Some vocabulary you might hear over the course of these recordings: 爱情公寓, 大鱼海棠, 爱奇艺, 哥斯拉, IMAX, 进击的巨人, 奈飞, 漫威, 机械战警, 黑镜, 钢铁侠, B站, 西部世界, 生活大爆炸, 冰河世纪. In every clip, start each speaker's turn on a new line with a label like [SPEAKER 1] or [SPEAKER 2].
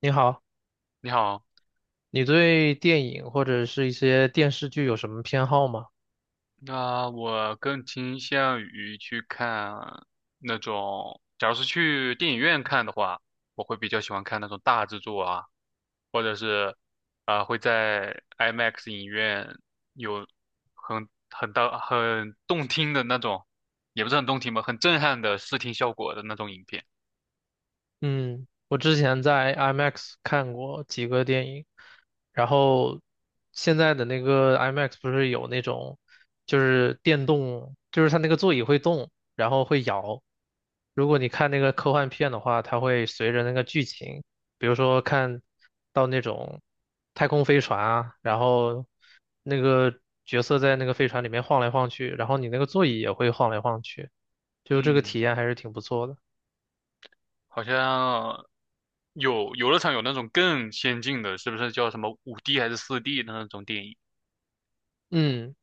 [SPEAKER 1] 你好，
[SPEAKER 2] 你好，
[SPEAKER 1] 你对电影或者是一些电视剧有什么偏好吗？
[SPEAKER 2] 那我更倾向于去看那种，假如是去电影院看的话，我会比较喜欢看那种大制作啊，或者是会在 IMAX 影院有很大很动听的那种，也不是很动听吧，很震撼的视听效果的那种影片。
[SPEAKER 1] 嗯，我之前在 IMAX 看过几个电影，然后现在的那个 IMAX 不是有那种，就是电动，就是它那个座椅会动，然后会摇。如果你看那个科幻片的话，它会随着那个剧情，比如说看到那种太空飞船啊，然后那个角色在那个飞船里面晃来晃去，然后你那个座椅也会晃来晃去，就这个
[SPEAKER 2] 嗯，
[SPEAKER 1] 体验还是挺不错的。
[SPEAKER 2] 好像有游乐场有那种更先进的，是不是叫什么5D 还是4D 的那种电影？
[SPEAKER 1] 嗯，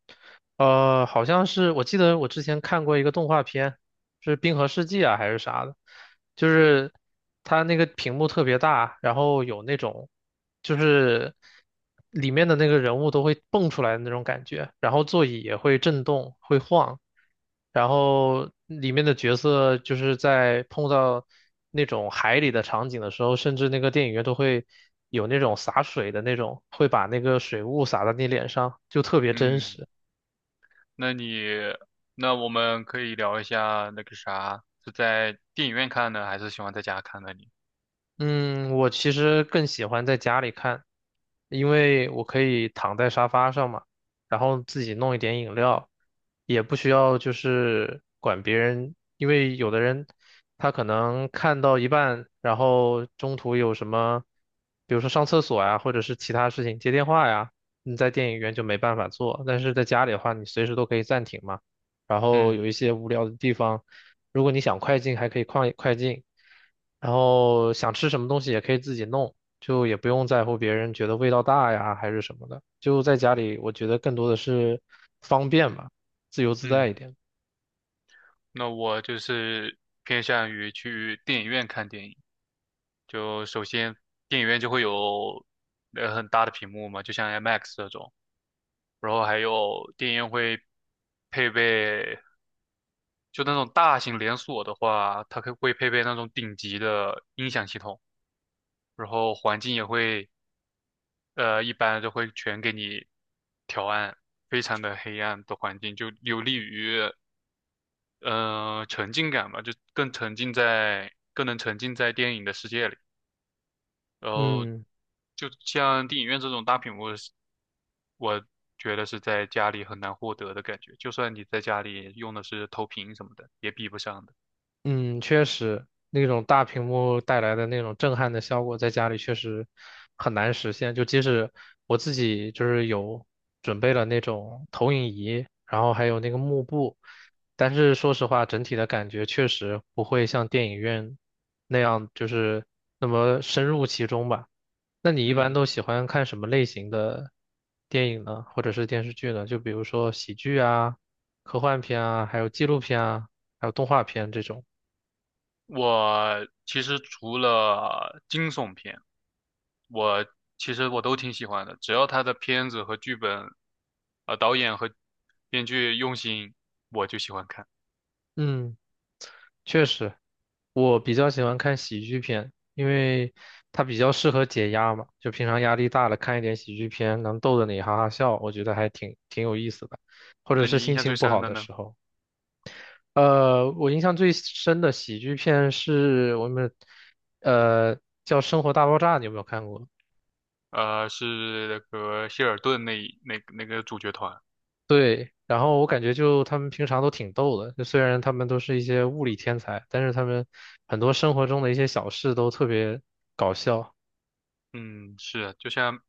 [SPEAKER 1] 好像是我记得我之前看过一个动画片，是《冰河世纪》啊还是啥的，就是它那个屏幕特别大，然后有那种就是里面的那个人物都会蹦出来的那种感觉，然后座椅也会震动，会晃，然后里面的角色就是在碰到那种海里的场景的时候，甚至那个电影院都会有那种洒水的那种，会把那个水雾洒到你脸上，就特别真
[SPEAKER 2] 嗯。
[SPEAKER 1] 实。
[SPEAKER 2] 那你，那我们可以聊一下那个啥，是在电影院看呢，还是喜欢在家看呢？你？
[SPEAKER 1] 嗯，我其实更喜欢在家里看，因为我可以躺在沙发上嘛，然后自己弄一点饮料，也不需要就是管别人，因为有的人他可能看到一半，然后中途有什么，比如说上厕所呀，或者是其他事情接电话呀，你在电影院就没办法做，但是在家里的话，你随时都可以暂停嘛。然后有
[SPEAKER 2] 嗯
[SPEAKER 1] 一些无聊的地方，如果你想快进，还可以快进，然后想吃什么东西也可以自己弄，就也不用在乎别人觉得味道大呀还是什么的，就在家里，我觉得更多的是方便吧，自由自在
[SPEAKER 2] 嗯，
[SPEAKER 1] 一点。
[SPEAKER 2] 那我就是偏向于去电影院看电影。就首先，电影院就会有很大的屏幕嘛，就像 IMAX 这种，然后还有电影院会配备，就那种大型连锁的话，它可会配备那种顶级的音响系统，然后环境也会一般都会全给你调暗，非常的黑暗的环境，就有利于沉浸感吧，就更沉浸在，更能沉浸在电影的世界里。然后，
[SPEAKER 1] 嗯。
[SPEAKER 2] 就像电影院这种大屏幕是，我觉得是在家里很难获得的感觉，就算你在家里用的是投屏什么的，也比不上的。
[SPEAKER 1] 嗯，确实，那种大屏幕带来的那种震撼的效果，在家里确实很难实现。就即使我自己就是有准备了那种投影仪，然后还有那个幕布，但是说实话，整体的感觉确实不会像电影院那样，就是那么深入其中吧。那你一般
[SPEAKER 2] 嗯，
[SPEAKER 1] 都喜欢看什么类型的电影呢，或者是电视剧呢？就比如说喜剧啊、科幻片啊，还有纪录片啊，还有动画片这种。
[SPEAKER 2] 我其实除了惊悚片，我其实都挺喜欢的，只要他的片子和剧本，导演和编剧用心，我就喜欢看。
[SPEAKER 1] 嗯，确实，我比较喜欢看喜剧片，因为它比较适合解压嘛。就平常压力大了，看一点喜剧片，能逗得你哈哈笑，我觉得还挺有意思的。或者
[SPEAKER 2] 那
[SPEAKER 1] 是
[SPEAKER 2] 你印
[SPEAKER 1] 心
[SPEAKER 2] 象最
[SPEAKER 1] 情不
[SPEAKER 2] 深
[SPEAKER 1] 好
[SPEAKER 2] 的
[SPEAKER 1] 的
[SPEAKER 2] 呢？
[SPEAKER 1] 时候，我印象最深的喜剧片是我们，呃，叫《生活大爆炸》，你有没有看过？
[SPEAKER 2] 呃，是那个谢尔顿那一那那个主角团。
[SPEAKER 1] 对，然后我感觉就他们平常都挺逗的，就虽然他们都是一些物理天才，但是他们很多生活中的一些小事都特别搞笑。
[SPEAKER 2] 嗯，是啊，就像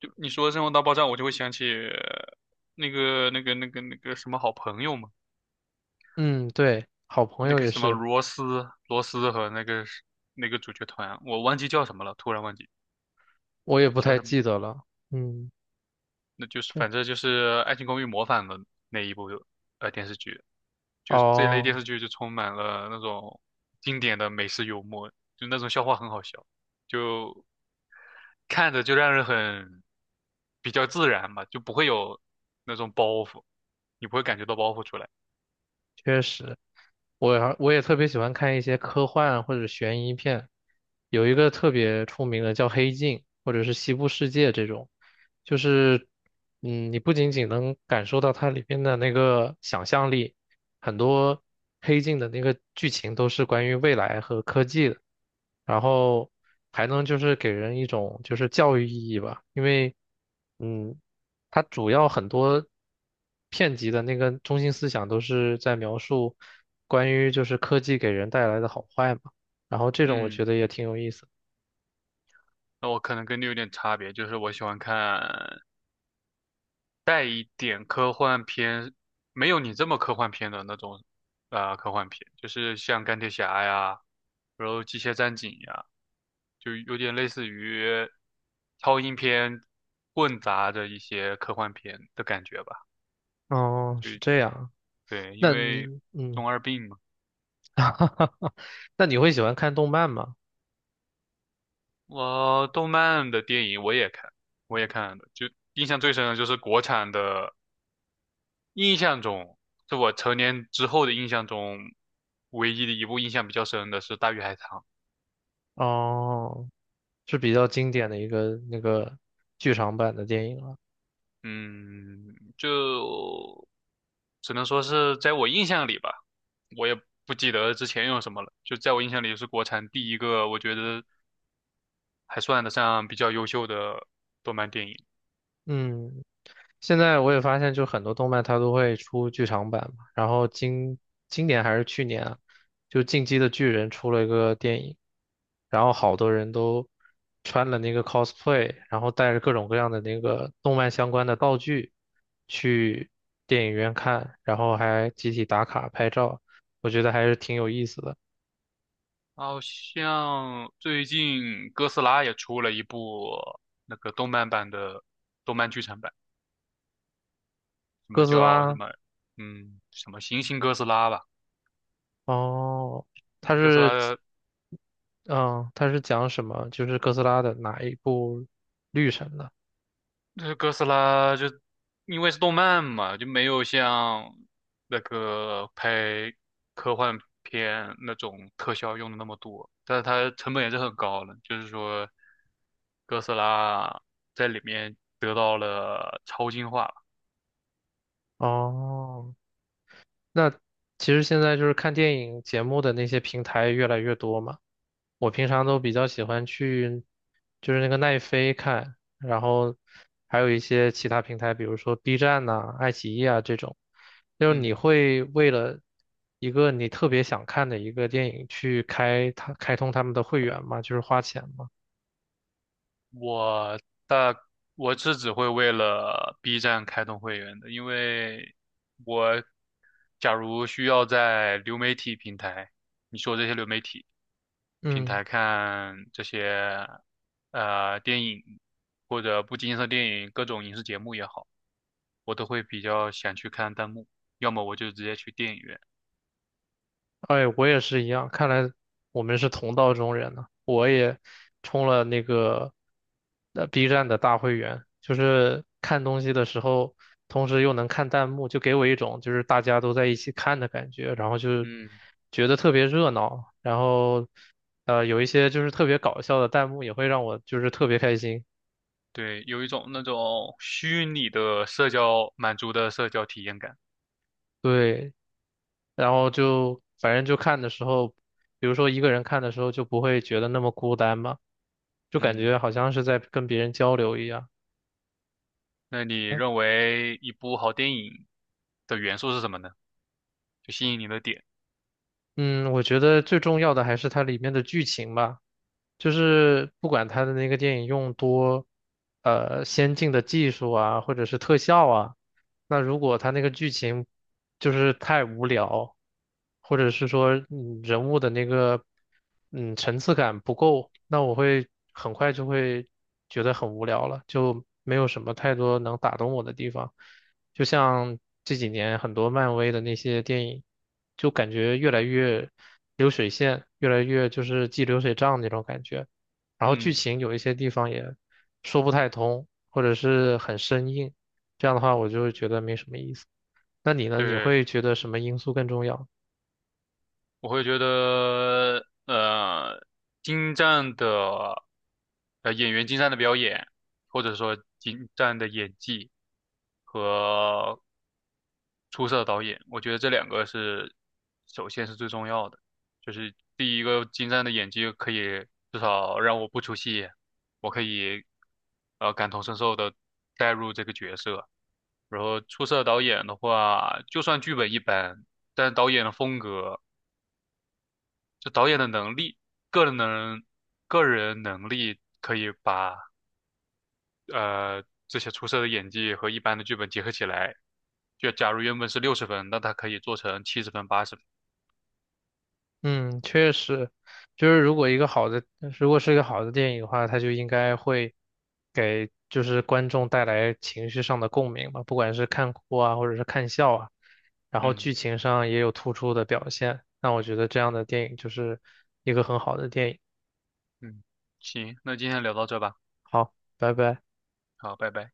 [SPEAKER 2] 就你说《生活大爆炸》，我就会想起那个什么好朋友嘛，
[SPEAKER 1] 嗯，对，好朋
[SPEAKER 2] 那
[SPEAKER 1] 友
[SPEAKER 2] 个
[SPEAKER 1] 也
[SPEAKER 2] 什么
[SPEAKER 1] 是，
[SPEAKER 2] 罗斯和那个是那个主角团，我忘记叫什么了，突然忘记。
[SPEAKER 1] 我也不
[SPEAKER 2] 叫
[SPEAKER 1] 太
[SPEAKER 2] 什么？
[SPEAKER 1] 记得了。嗯，
[SPEAKER 2] 那就是
[SPEAKER 1] 这
[SPEAKER 2] 反正就是《爱情公寓》模仿的那一部电视剧，就是这类电
[SPEAKER 1] 哦，
[SPEAKER 2] 视剧就充满了那种经典的美式幽默，就那种笑话很好笑，就看着就让人很比较自然吧，就不会有那种包袱，你不会感觉到包袱出来。
[SPEAKER 1] 确实，我也特别喜欢看一些科幻或者悬疑片，有一个特别出名的叫《黑镜》或者是《西部世界》这种，就是你不仅仅能感受到它里边的那个想象力，很多黑镜的那个剧情都是关于未来和科技的，然后还能就是给人一种就是教育意义吧，因为嗯，它主要很多片集的那个中心思想都是在描述关于就是科技给人带来的好坏嘛，然后这种我
[SPEAKER 2] 嗯，
[SPEAKER 1] 觉得也挺有意思。
[SPEAKER 2] 那我可能跟你有点差别，就是我喜欢看带一点科幻片，没有你这么科幻片的那种，科幻片，就是像钢铁侠呀，然后机械战警呀，就有点类似于超英片混杂着一些科幻片的感觉吧。
[SPEAKER 1] 哦，
[SPEAKER 2] 就
[SPEAKER 1] 是这样，
[SPEAKER 2] 对，因
[SPEAKER 1] 那
[SPEAKER 2] 为
[SPEAKER 1] 你嗯，
[SPEAKER 2] 中二病嘛。
[SPEAKER 1] 那你会喜欢看动漫吗？
[SPEAKER 2] 我动漫的电影我也看，我也看的，就印象最深的就是国产的印象中，是我成年之后的印象中，唯一的一部印象比较深的是《大鱼海棠》。
[SPEAKER 1] 哦。是比较经典的一个那个剧场版的电影了。
[SPEAKER 2] 嗯，就只能说是在我印象里吧，我也不记得之前有什么了。就在我印象里，是国产第一个我觉得还算得上比较优秀的动漫电影。
[SPEAKER 1] 嗯，现在我也发现，就很多动漫它都会出剧场版嘛。然后今年还是去年啊，就《进击的巨人》出了一个电影，然后好多人都穿了那个 cosplay，然后带着各种各样的那个动漫相关的道具去电影院看，然后还集体打卡拍照，我觉得还是挺有意思的。
[SPEAKER 2] 好像最近哥斯拉也出了一部那个动漫版的动漫剧场版，什
[SPEAKER 1] 哥
[SPEAKER 2] 么
[SPEAKER 1] 斯
[SPEAKER 2] 叫什
[SPEAKER 1] 拉，
[SPEAKER 2] 么什么行星哥斯拉吧。
[SPEAKER 1] 哦。它
[SPEAKER 2] 就哥斯拉
[SPEAKER 1] 是
[SPEAKER 2] 的，
[SPEAKER 1] 嗯，它是讲什么？就是哥斯拉的哪一部绿神的？
[SPEAKER 2] 就是哥斯拉就因为是动漫嘛，就没有像那个拍科幻片那种特效用的那么多，但是它成本也是很高的，就是说哥斯拉在里面得到了超进化。
[SPEAKER 1] 哦，那其实现在就是看电影节目的那些平台越来越多嘛。我平常都比较喜欢去，就是那个奈飞看，然后还有一些其他平台，比如说 B 站呐、爱奇艺啊这种。就是你
[SPEAKER 2] 嗯，
[SPEAKER 1] 会为了一个你特别想看的一个电影去开它开通他们的会员吗？就是花钱吗？
[SPEAKER 2] 我大我是只会为了 B 站开通会员的，因为我假如需要在流媒体平台，你说这些流媒体。平
[SPEAKER 1] 嗯。
[SPEAKER 2] 台看这些电影或者不经意的电影，各种影视节目也好，我都会比较想去看弹幕，要么我就直接去电影院。
[SPEAKER 1] 哎，我也是一样，看来我们是同道中人呢。我也充了那个B 站的大会员，就是看东西的时候，同时又能看弹幕，就给我一种就是大家都在一起看的感觉，然后就
[SPEAKER 2] 嗯，
[SPEAKER 1] 觉得特别热闹，然后有一些就是特别搞笑的弹幕也会让我就是特别开心，
[SPEAKER 2] 对，有一种那种虚拟的社交满足的社交体验感。
[SPEAKER 1] 对，然后就反正就看的时候，比如说一个人看的时候就不会觉得那么孤单嘛。就感觉
[SPEAKER 2] 嗯，
[SPEAKER 1] 好像是在跟别人交流一样。
[SPEAKER 2] 那你认为一部好电影的元素是什么呢？就吸引你的点。
[SPEAKER 1] 嗯，我觉得最重要的还是它里面的剧情吧，就是不管它的那个电影用多，先进的技术啊，或者是特效啊，那如果它那个剧情就是太无聊，或者是说人物的那个层次感不够，那我会很快就会觉得很无聊了，就没有什么太多能打动我的地方。就像这几年很多漫威的那些电影，就感觉越来越流水线，越来越就是记流水账那种感觉。然后剧
[SPEAKER 2] 嗯，
[SPEAKER 1] 情有一些地方也说不太通，或者是很生硬。这样的话，我就会觉得没什么意思。那你呢？你
[SPEAKER 2] 对。
[SPEAKER 1] 会觉得什么因素更重要？
[SPEAKER 2] 我会觉得，精湛的，演员精湛的表演，或者说精湛的演技和出色的导演，我觉得这两个是首先是最重要的。就是第一个精湛的演技可以至少让我不出戏，我可以感同身受的带入这个角色。然后出色的导演的话，就算剧本一般，但导演的风格。就导演的能力，个人能个人能力可以把这些出色的演技和一般的剧本结合起来。就假如原本是60分，那他可以做成70分、80分。
[SPEAKER 1] 嗯，确实，就是如果一个好的，如果是一个好的电影的话，它就应该会给就是观众带来情绪上的共鸣吧，不管是看哭啊，或者是看笑啊，然后
[SPEAKER 2] 嗯
[SPEAKER 1] 剧情上也有突出的表现，那我觉得这样的电影就是一个很好的电影。
[SPEAKER 2] 嗯，行，那今天聊到这吧，
[SPEAKER 1] 好，拜拜。
[SPEAKER 2] 好，拜拜。